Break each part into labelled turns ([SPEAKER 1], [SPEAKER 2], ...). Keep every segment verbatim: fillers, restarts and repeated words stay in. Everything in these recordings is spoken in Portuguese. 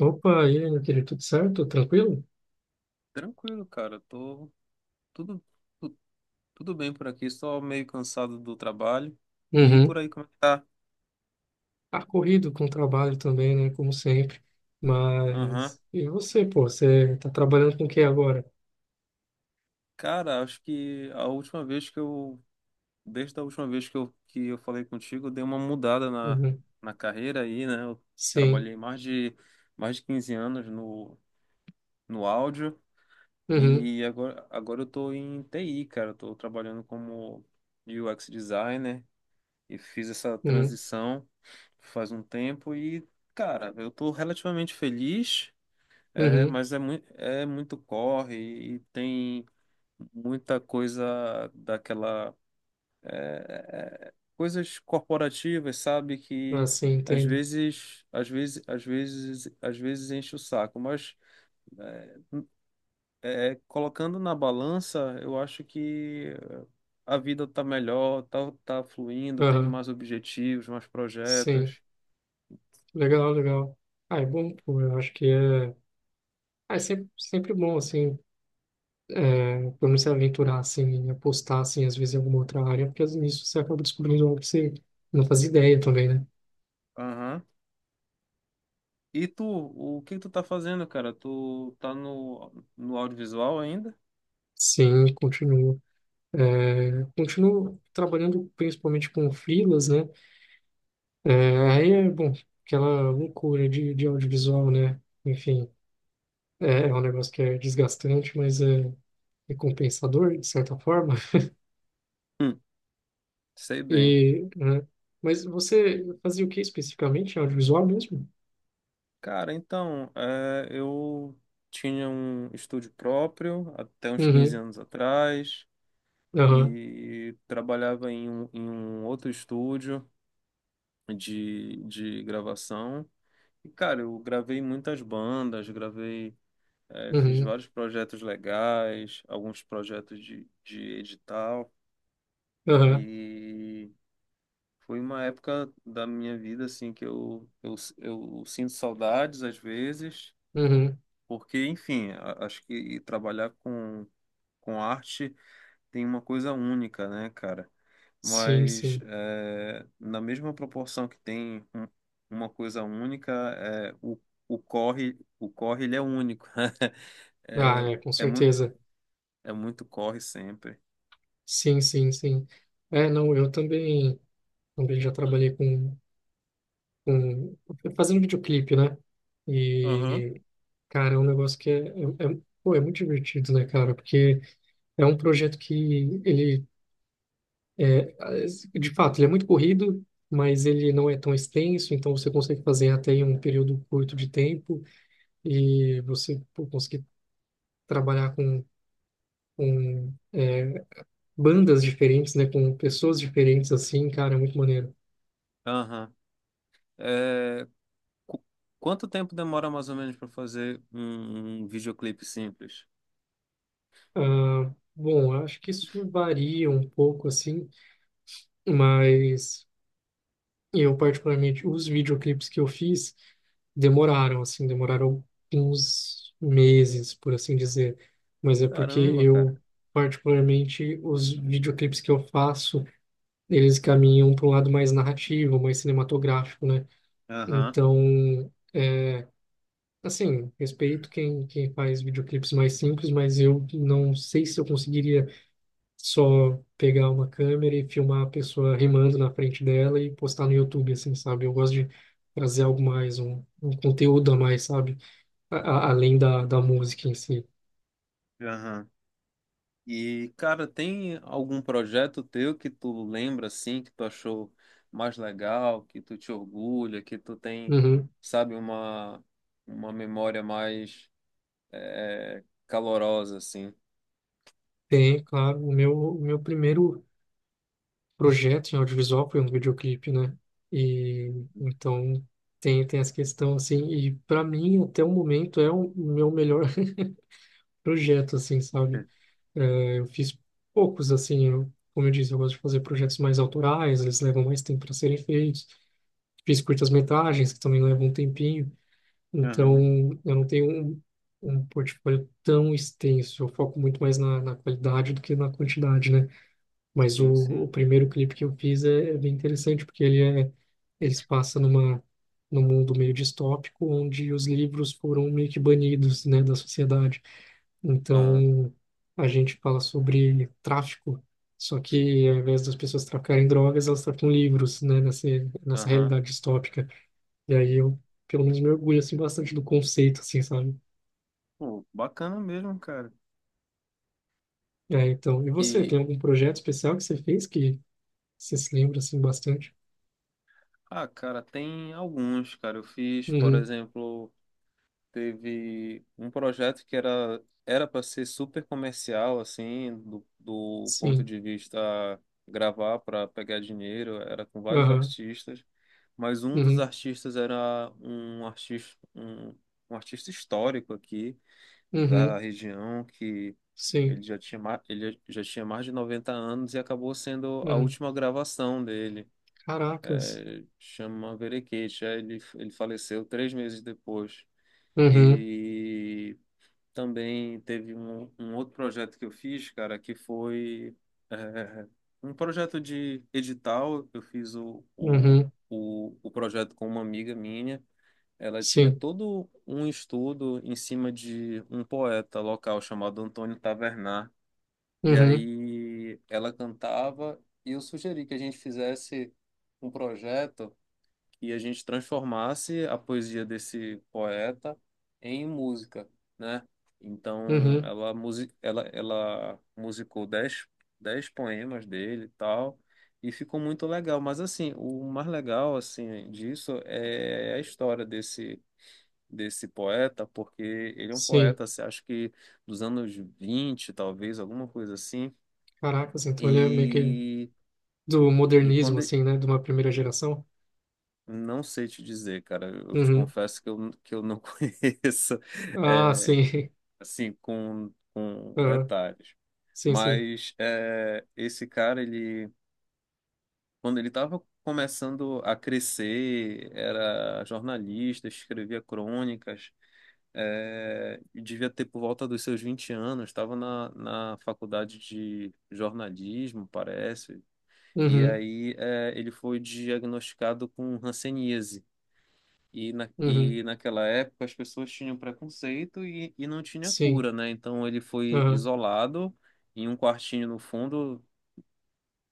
[SPEAKER 1] Opa, e aí, meu querido, tudo certo? Tranquilo?
[SPEAKER 2] Tranquilo, cara. Tô tudo, tu- tudo bem por aqui, só meio cansado do trabalho. E
[SPEAKER 1] Uhum.
[SPEAKER 2] por aí, como é que tá?
[SPEAKER 1] Tá corrido com o trabalho também, né? Como sempre.
[SPEAKER 2] Aham.
[SPEAKER 1] Mas. E você, pô? Você tá trabalhando com o que agora?
[SPEAKER 2] Cara, acho que a última vez que eu, desde a última vez que eu, que eu falei contigo, eu dei uma mudada na,
[SPEAKER 1] Uhum.
[SPEAKER 2] na carreira aí, né? Eu
[SPEAKER 1] Sim.
[SPEAKER 2] trabalhei mais de, mais de quinze anos no, no áudio
[SPEAKER 1] Uhum.
[SPEAKER 2] e agora, agora eu tô em T I, cara. Eu tô trabalhando como U X designer e fiz essa
[SPEAKER 1] Uhum.
[SPEAKER 2] transição faz um tempo e, cara, eu tô relativamente feliz, é,
[SPEAKER 1] Uhum.
[SPEAKER 2] mas é, mui- é muito corre e tem muita coisa daquela, é, é, é, coisas corporativas, sabe,
[SPEAKER 1] Ah,
[SPEAKER 2] que
[SPEAKER 1] sim,
[SPEAKER 2] às
[SPEAKER 1] entendo.
[SPEAKER 2] vezes, às vezes, às vezes, às vezes enche o saco, mas é, é, colocando na balança, eu acho que a vida tá melhor, tá, tá fluindo, tenho
[SPEAKER 1] Aham.
[SPEAKER 2] mais objetivos, mais
[SPEAKER 1] Sim.
[SPEAKER 2] projetos.
[SPEAKER 1] Legal, legal. Ah, é bom, pô. Eu acho que é. Ah, é sempre, sempre bom, assim, é, por não se aventurar, assim, em apostar, assim, às vezes em alguma outra área, porque nisso você acaba descobrindo algo que você não fazia ideia também, né?
[SPEAKER 2] Aham. E tu, o que tu tá fazendo, cara? Tu tá no, no audiovisual ainda?
[SPEAKER 1] Sim, continua. É, continuo trabalhando principalmente com freelas, né? É, aí é, bom, aquela loucura de, de audiovisual, né? Enfim, é, é um negócio que é desgastante, mas é recompensador, de certa forma.
[SPEAKER 2] Hum, sei bem.
[SPEAKER 1] E, né? Mas você fazia o que especificamente? Audiovisual mesmo?
[SPEAKER 2] Cara, então, é, eu tinha um estúdio próprio até uns quinze
[SPEAKER 1] Uhum,
[SPEAKER 2] anos atrás
[SPEAKER 1] aham,
[SPEAKER 2] e trabalhava em um, em um outro estúdio de, de gravação. E, cara, eu gravei muitas bandas, gravei, é, fiz
[SPEAKER 1] uhum,
[SPEAKER 2] vários projetos legais, alguns projetos de, de edital.
[SPEAKER 1] aham,
[SPEAKER 2] E foi uma época da minha vida assim que eu, eu, eu sinto saudades às vezes,
[SPEAKER 1] uhum.
[SPEAKER 2] porque, enfim, a- acho que trabalhar com, com arte tem uma coisa única, né, cara?
[SPEAKER 1] Sim,
[SPEAKER 2] Mas
[SPEAKER 1] sim.
[SPEAKER 2] é, na mesma proporção que tem um- uma coisa única. É, o, o corre, o corre ele é único.
[SPEAKER 1] Ah,
[SPEAKER 2] É,
[SPEAKER 1] é, com
[SPEAKER 2] é, mu
[SPEAKER 1] certeza.
[SPEAKER 2] é muito corre sempre.
[SPEAKER 1] Sim, sim, sim. É, não, eu também, também já trabalhei com com- fazendo videoclipe, né?
[SPEAKER 2] Aham.
[SPEAKER 1] E, cara, é um negócio que é, é, é- pô, é muito divertido, né, cara? Porque é um projeto que ele, de fato, ele é muito corrido, mas ele não é tão extenso, então você consegue fazer até em um período curto de tempo e você, pô, conseguir trabalhar com, com é, bandas diferentes, né? Com pessoas diferentes, assim, cara, é muito maneiro.
[SPEAKER 2] Aham. Qu- Quanto tempo demora mais ou menos para fazer um, um videoclipe simples?
[SPEAKER 1] Ah, bom, acho que isso varia um pouco, assim, mas... Eu, particularmente, os videoclipes que eu fiz demoraram, assim, demoraram uns meses, por assim dizer. Mas é porque
[SPEAKER 2] Caramba, cara.
[SPEAKER 1] eu, particularmente, os videoclipes que eu faço, eles caminham para um lado mais narrativo, mais cinematográfico, né?
[SPEAKER 2] Aham,
[SPEAKER 1] Então, assim, respeito quem, quem faz videoclipes mais simples, mas eu não sei se eu conseguiria só pegar uma câmera e filmar a pessoa rimando na frente dela e postar no YouTube, assim, sabe? Eu gosto de trazer algo mais, um, um conteúdo a mais, sabe? A- a- além da, da música em si.
[SPEAKER 2] aham. E, cara, tem algum projeto teu que tu lembra assim, que tu achou mais legal, que tu te orgulha, que tu tem,
[SPEAKER 1] Uhum.
[SPEAKER 2] sabe, uma, uma memória mais é, calorosa, assim?
[SPEAKER 1] Tem, claro, o meu, o meu primeiro projeto em audiovisual foi um videoclipe, né? E então tem, tem essa questão, assim, e para mim, até o momento, é o meu melhor projeto, assim, sabe?
[SPEAKER 2] Sim.
[SPEAKER 1] É, eu fiz poucos, assim, eu, como eu disse, eu gosto de fazer projetos mais autorais, eles levam mais tempo para serem feitos. Fiz curtas-metragens, que também levam um tempinho, então
[SPEAKER 2] Aham,
[SPEAKER 1] eu não tenho um, um portfólio tão extenso, eu foco muito mais na, na qualidade do que na quantidade, né? Mas o,
[SPEAKER 2] sim,
[SPEAKER 1] o
[SPEAKER 2] sim.
[SPEAKER 1] primeiro clipe que eu fiz é, é bem interessante, porque ele é, ele se passa numa, num mundo meio distópico, onde os livros foram meio que banidos, né, da sociedade.
[SPEAKER 2] Aham,
[SPEAKER 1] Então, a gente fala sobre tráfico, só que ao invés das pessoas traficarem drogas, elas traficam livros, né, nessa, nessa
[SPEAKER 2] aham.
[SPEAKER 1] realidade distópica. E aí eu, pelo menos, me orgulho, assim, bastante do conceito, assim, sabe?
[SPEAKER 2] Pô, bacana mesmo, cara.
[SPEAKER 1] É, então, e você, tem
[SPEAKER 2] E
[SPEAKER 1] algum projeto especial que você fez que você se lembra, assim, bastante?
[SPEAKER 2] Ah, cara, tem alguns, cara. Eu fiz, por
[SPEAKER 1] Uhum,
[SPEAKER 2] exemplo, teve um projeto que era era para ser super comercial, assim, do, do ponto
[SPEAKER 1] sim.
[SPEAKER 2] de vista gravar para pegar dinheiro, era com vários
[SPEAKER 1] Aham,
[SPEAKER 2] artistas, mas um dos
[SPEAKER 1] uhum,
[SPEAKER 2] artistas era um artista um, um artista histórico aqui da
[SPEAKER 1] uhum,
[SPEAKER 2] região que ele
[SPEAKER 1] sim,
[SPEAKER 2] já tinha ma- ele já tinha mais de noventa anos e acabou sendo a
[SPEAKER 1] uhum,
[SPEAKER 2] última gravação dele
[SPEAKER 1] caracas,
[SPEAKER 2] é, chama Verekesh. Aí Ele, ele faleceu três meses depois.
[SPEAKER 1] uhum,
[SPEAKER 2] E também teve um, um outro projeto que eu fiz, cara, que foi é, um projeto de edital. Eu fiz o, o,
[SPEAKER 1] uhum,
[SPEAKER 2] o, o projeto com uma amiga minha. Ela tinha
[SPEAKER 1] sim,
[SPEAKER 2] todo um estudo em cima de um poeta local chamado Antônio Tavernar. E
[SPEAKER 1] uhum,
[SPEAKER 2] aí ela cantava e eu sugeri que a gente fizesse um projeto e a gente transformasse a poesia desse poeta em música, né? Então,
[SPEAKER 1] uhum,
[SPEAKER 2] ela, musi ela, ela musicou dez, dez poemas dele e tal, e ficou muito legal. Mas, assim, o mais legal, assim, disso é a história desse, desse poeta, porque ele é um
[SPEAKER 1] sim,
[SPEAKER 2] poeta, assim, acho que dos anos vinte, talvez, alguma coisa assim.
[SPEAKER 1] caracas, então ele é meio que
[SPEAKER 2] e...
[SPEAKER 1] do
[SPEAKER 2] E
[SPEAKER 1] modernismo,
[SPEAKER 2] quando,
[SPEAKER 1] assim, né, de uma primeira geração,
[SPEAKER 2] Não sei te dizer, cara. Eu te
[SPEAKER 1] uhum,
[SPEAKER 2] confesso que eu, que eu não conheço,
[SPEAKER 1] ah,
[SPEAKER 2] é,
[SPEAKER 1] sim,
[SPEAKER 2] assim, com, com
[SPEAKER 1] aham,
[SPEAKER 2] detalhes.
[SPEAKER 1] sim, sim,
[SPEAKER 2] Mas é, esse cara, ele, quando ele estava começando a crescer, era jornalista, escrevia crônicas, é, e devia ter por volta dos seus vinte anos, estava na, na faculdade de jornalismo, parece. E
[SPEAKER 1] uhum,
[SPEAKER 2] aí é, ele foi diagnosticado com hanseníase. E, na,
[SPEAKER 1] uhum,
[SPEAKER 2] e naquela época as pessoas tinham preconceito e, e não tinha
[SPEAKER 1] sim,
[SPEAKER 2] cura, né? Então ele foi
[SPEAKER 1] aham,
[SPEAKER 2] isolado em um quartinho no fundo,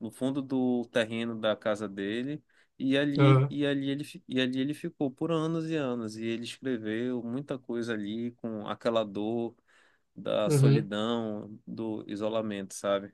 [SPEAKER 2] no fundo do terreno da casa dele, e ali,
[SPEAKER 1] aham,
[SPEAKER 2] e ali ele, fi- e ali ele ficou por anos e anos. E ele escreveu muita coisa ali com aquela dor da
[SPEAKER 1] uhum,
[SPEAKER 2] solidão, do isolamento, sabe?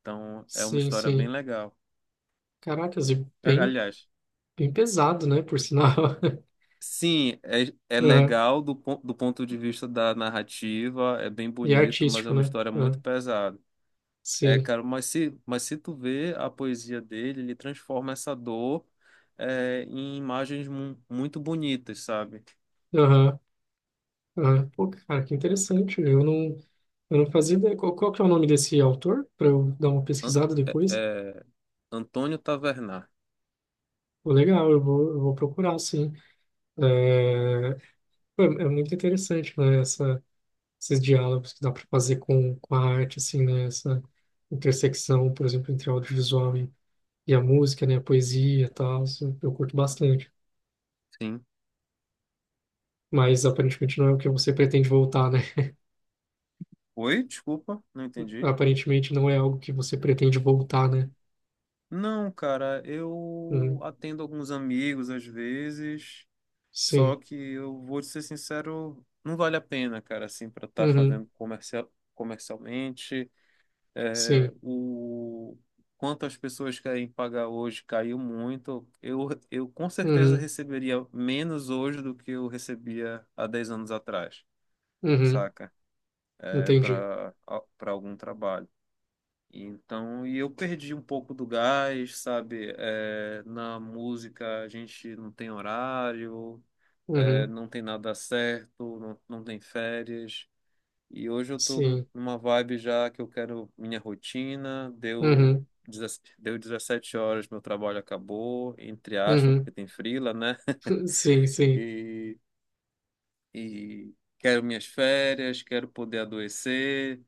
[SPEAKER 2] Então é uma
[SPEAKER 1] sim,
[SPEAKER 2] história bem
[SPEAKER 1] sim,
[SPEAKER 2] legal.
[SPEAKER 1] caracas, e
[SPEAKER 2] A-
[SPEAKER 1] bem,
[SPEAKER 2] Aliás.
[SPEAKER 1] bem pesado, né, por sinal,
[SPEAKER 2] Sim, é, é
[SPEAKER 1] aham,
[SPEAKER 2] legal do, pon- do ponto de vista da narrativa, é bem
[SPEAKER 1] e
[SPEAKER 2] bonito, mas é
[SPEAKER 1] artístico,
[SPEAKER 2] uma
[SPEAKER 1] né,
[SPEAKER 2] história muito
[SPEAKER 1] aham,
[SPEAKER 2] pesada. É,
[SPEAKER 1] sim,
[SPEAKER 2] cara, mas se, mas se tu vê a poesia dele, ele transforma essa dor, é, em imagens mu- muito bonitas, sabe?
[SPEAKER 1] Aham. Ah, pô, cara, que interessante. Eu não, eu não fazia ideia. Qual, qual que é o nome desse autor? Para eu dar uma
[SPEAKER 2] An-
[SPEAKER 1] pesquisada
[SPEAKER 2] é,
[SPEAKER 1] depois.
[SPEAKER 2] é, Antônio Tavernar,
[SPEAKER 1] Pô, legal, eu vou, eu vou procurar, sim. É, pô, é é muito interessante, né? Essa, esses diálogos que dá para fazer com, com a arte, assim, né? Essa intersecção, por exemplo, entre audiovisual e, e a música, né? A poesia e tal. Isso eu curto bastante.
[SPEAKER 2] sim.
[SPEAKER 1] Mas aparentemente não é o que você pretende voltar, né?
[SPEAKER 2] Oi? Desculpa, não entendi.
[SPEAKER 1] Aparentemente não é algo que você pretende voltar, né?
[SPEAKER 2] Não, cara, eu
[SPEAKER 1] Uhum,
[SPEAKER 2] atendo alguns amigos às vezes. Só
[SPEAKER 1] sim.
[SPEAKER 2] que eu vou te ser sincero, não vale a pena, cara, assim, para estar
[SPEAKER 1] Uhum,
[SPEAKER 2] fazendo comercial, comercialmente. É,
[SPEAKER 1] sim.
[SPEAKER 2] o quanto as pessoas querem pagar hoje caiu muito. Eu, eu com certeza
[SPEAKER 1] Uhum,
[SPEAKER 2] receberia menos hoje do que eu recebia há dez anos atrás,
[SPEAKER 1] uhum,
[SPEAKER 2] saca? É,
[SPEAKER 1] entendi.
[SPEAKER 2] para para algum trabalho. Então, e eu perdi um pouco do gás, sabe? É, na música a gente não tem horário, é,
[SPEAKER 1] Uhum,
[SPEAKER 2] não tem nada certo, não, não tem férias. E hoje eu tô num-
[SPEAKER 1] sim.
[SPEAKER 2] numa vibe já que eu quero minha rotina, deu,
[SPEAKER 1] Uhum,
[SPEAKER 2] dezessete deu dezessete horas, meu trabalho acabou, entre aspas,
[SPEAKER 1] uhum,
[SPEAKER 2] porque tem frila, né?
[SPEAKER 1] sim, sim,
[SPEAKER 2] E, e quero minhas férias, quero poder adoecer,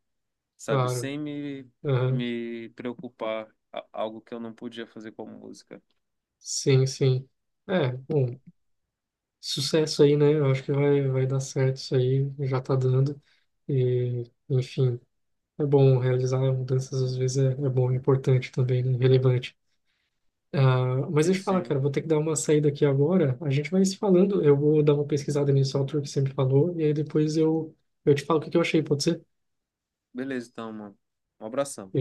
[SPEAKER 2] sabe,
[SPEAKER 1] claro.
[SPEAKER 2] sem me,
[SPEAKER 1] Uhum,
[SPEAKER 2] me preocupar, a- algo que eu não podia fazer com a música.
[SPEAKER 1] sim, sim. É, bom, sucesso aí, né? Eu acho que vai, vai dar certo isso aí, já tá dando. E, enfim, é bom realizar mudanças, às vezes é, é bom, é importante também, né? Relevante. Ah, mas
[SPEAKER 2] Sim,
[SPEAKER 1] deixa eu falar, cara,
[SPEAKER 2] sim.
[SPEAKER 1] vou ter que dar uma saída aqui agora. A gente vai se falando. Eu vou dar uma pesquisada nesse autor que sempre falou, e aí depois eu, eu te falo o que que eu achei, pode ser?
[SPEAKER 2] Beleza, então, mano. Um abração.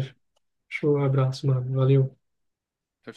[SPEAKER 1] Show, abraço, mano. Valeu.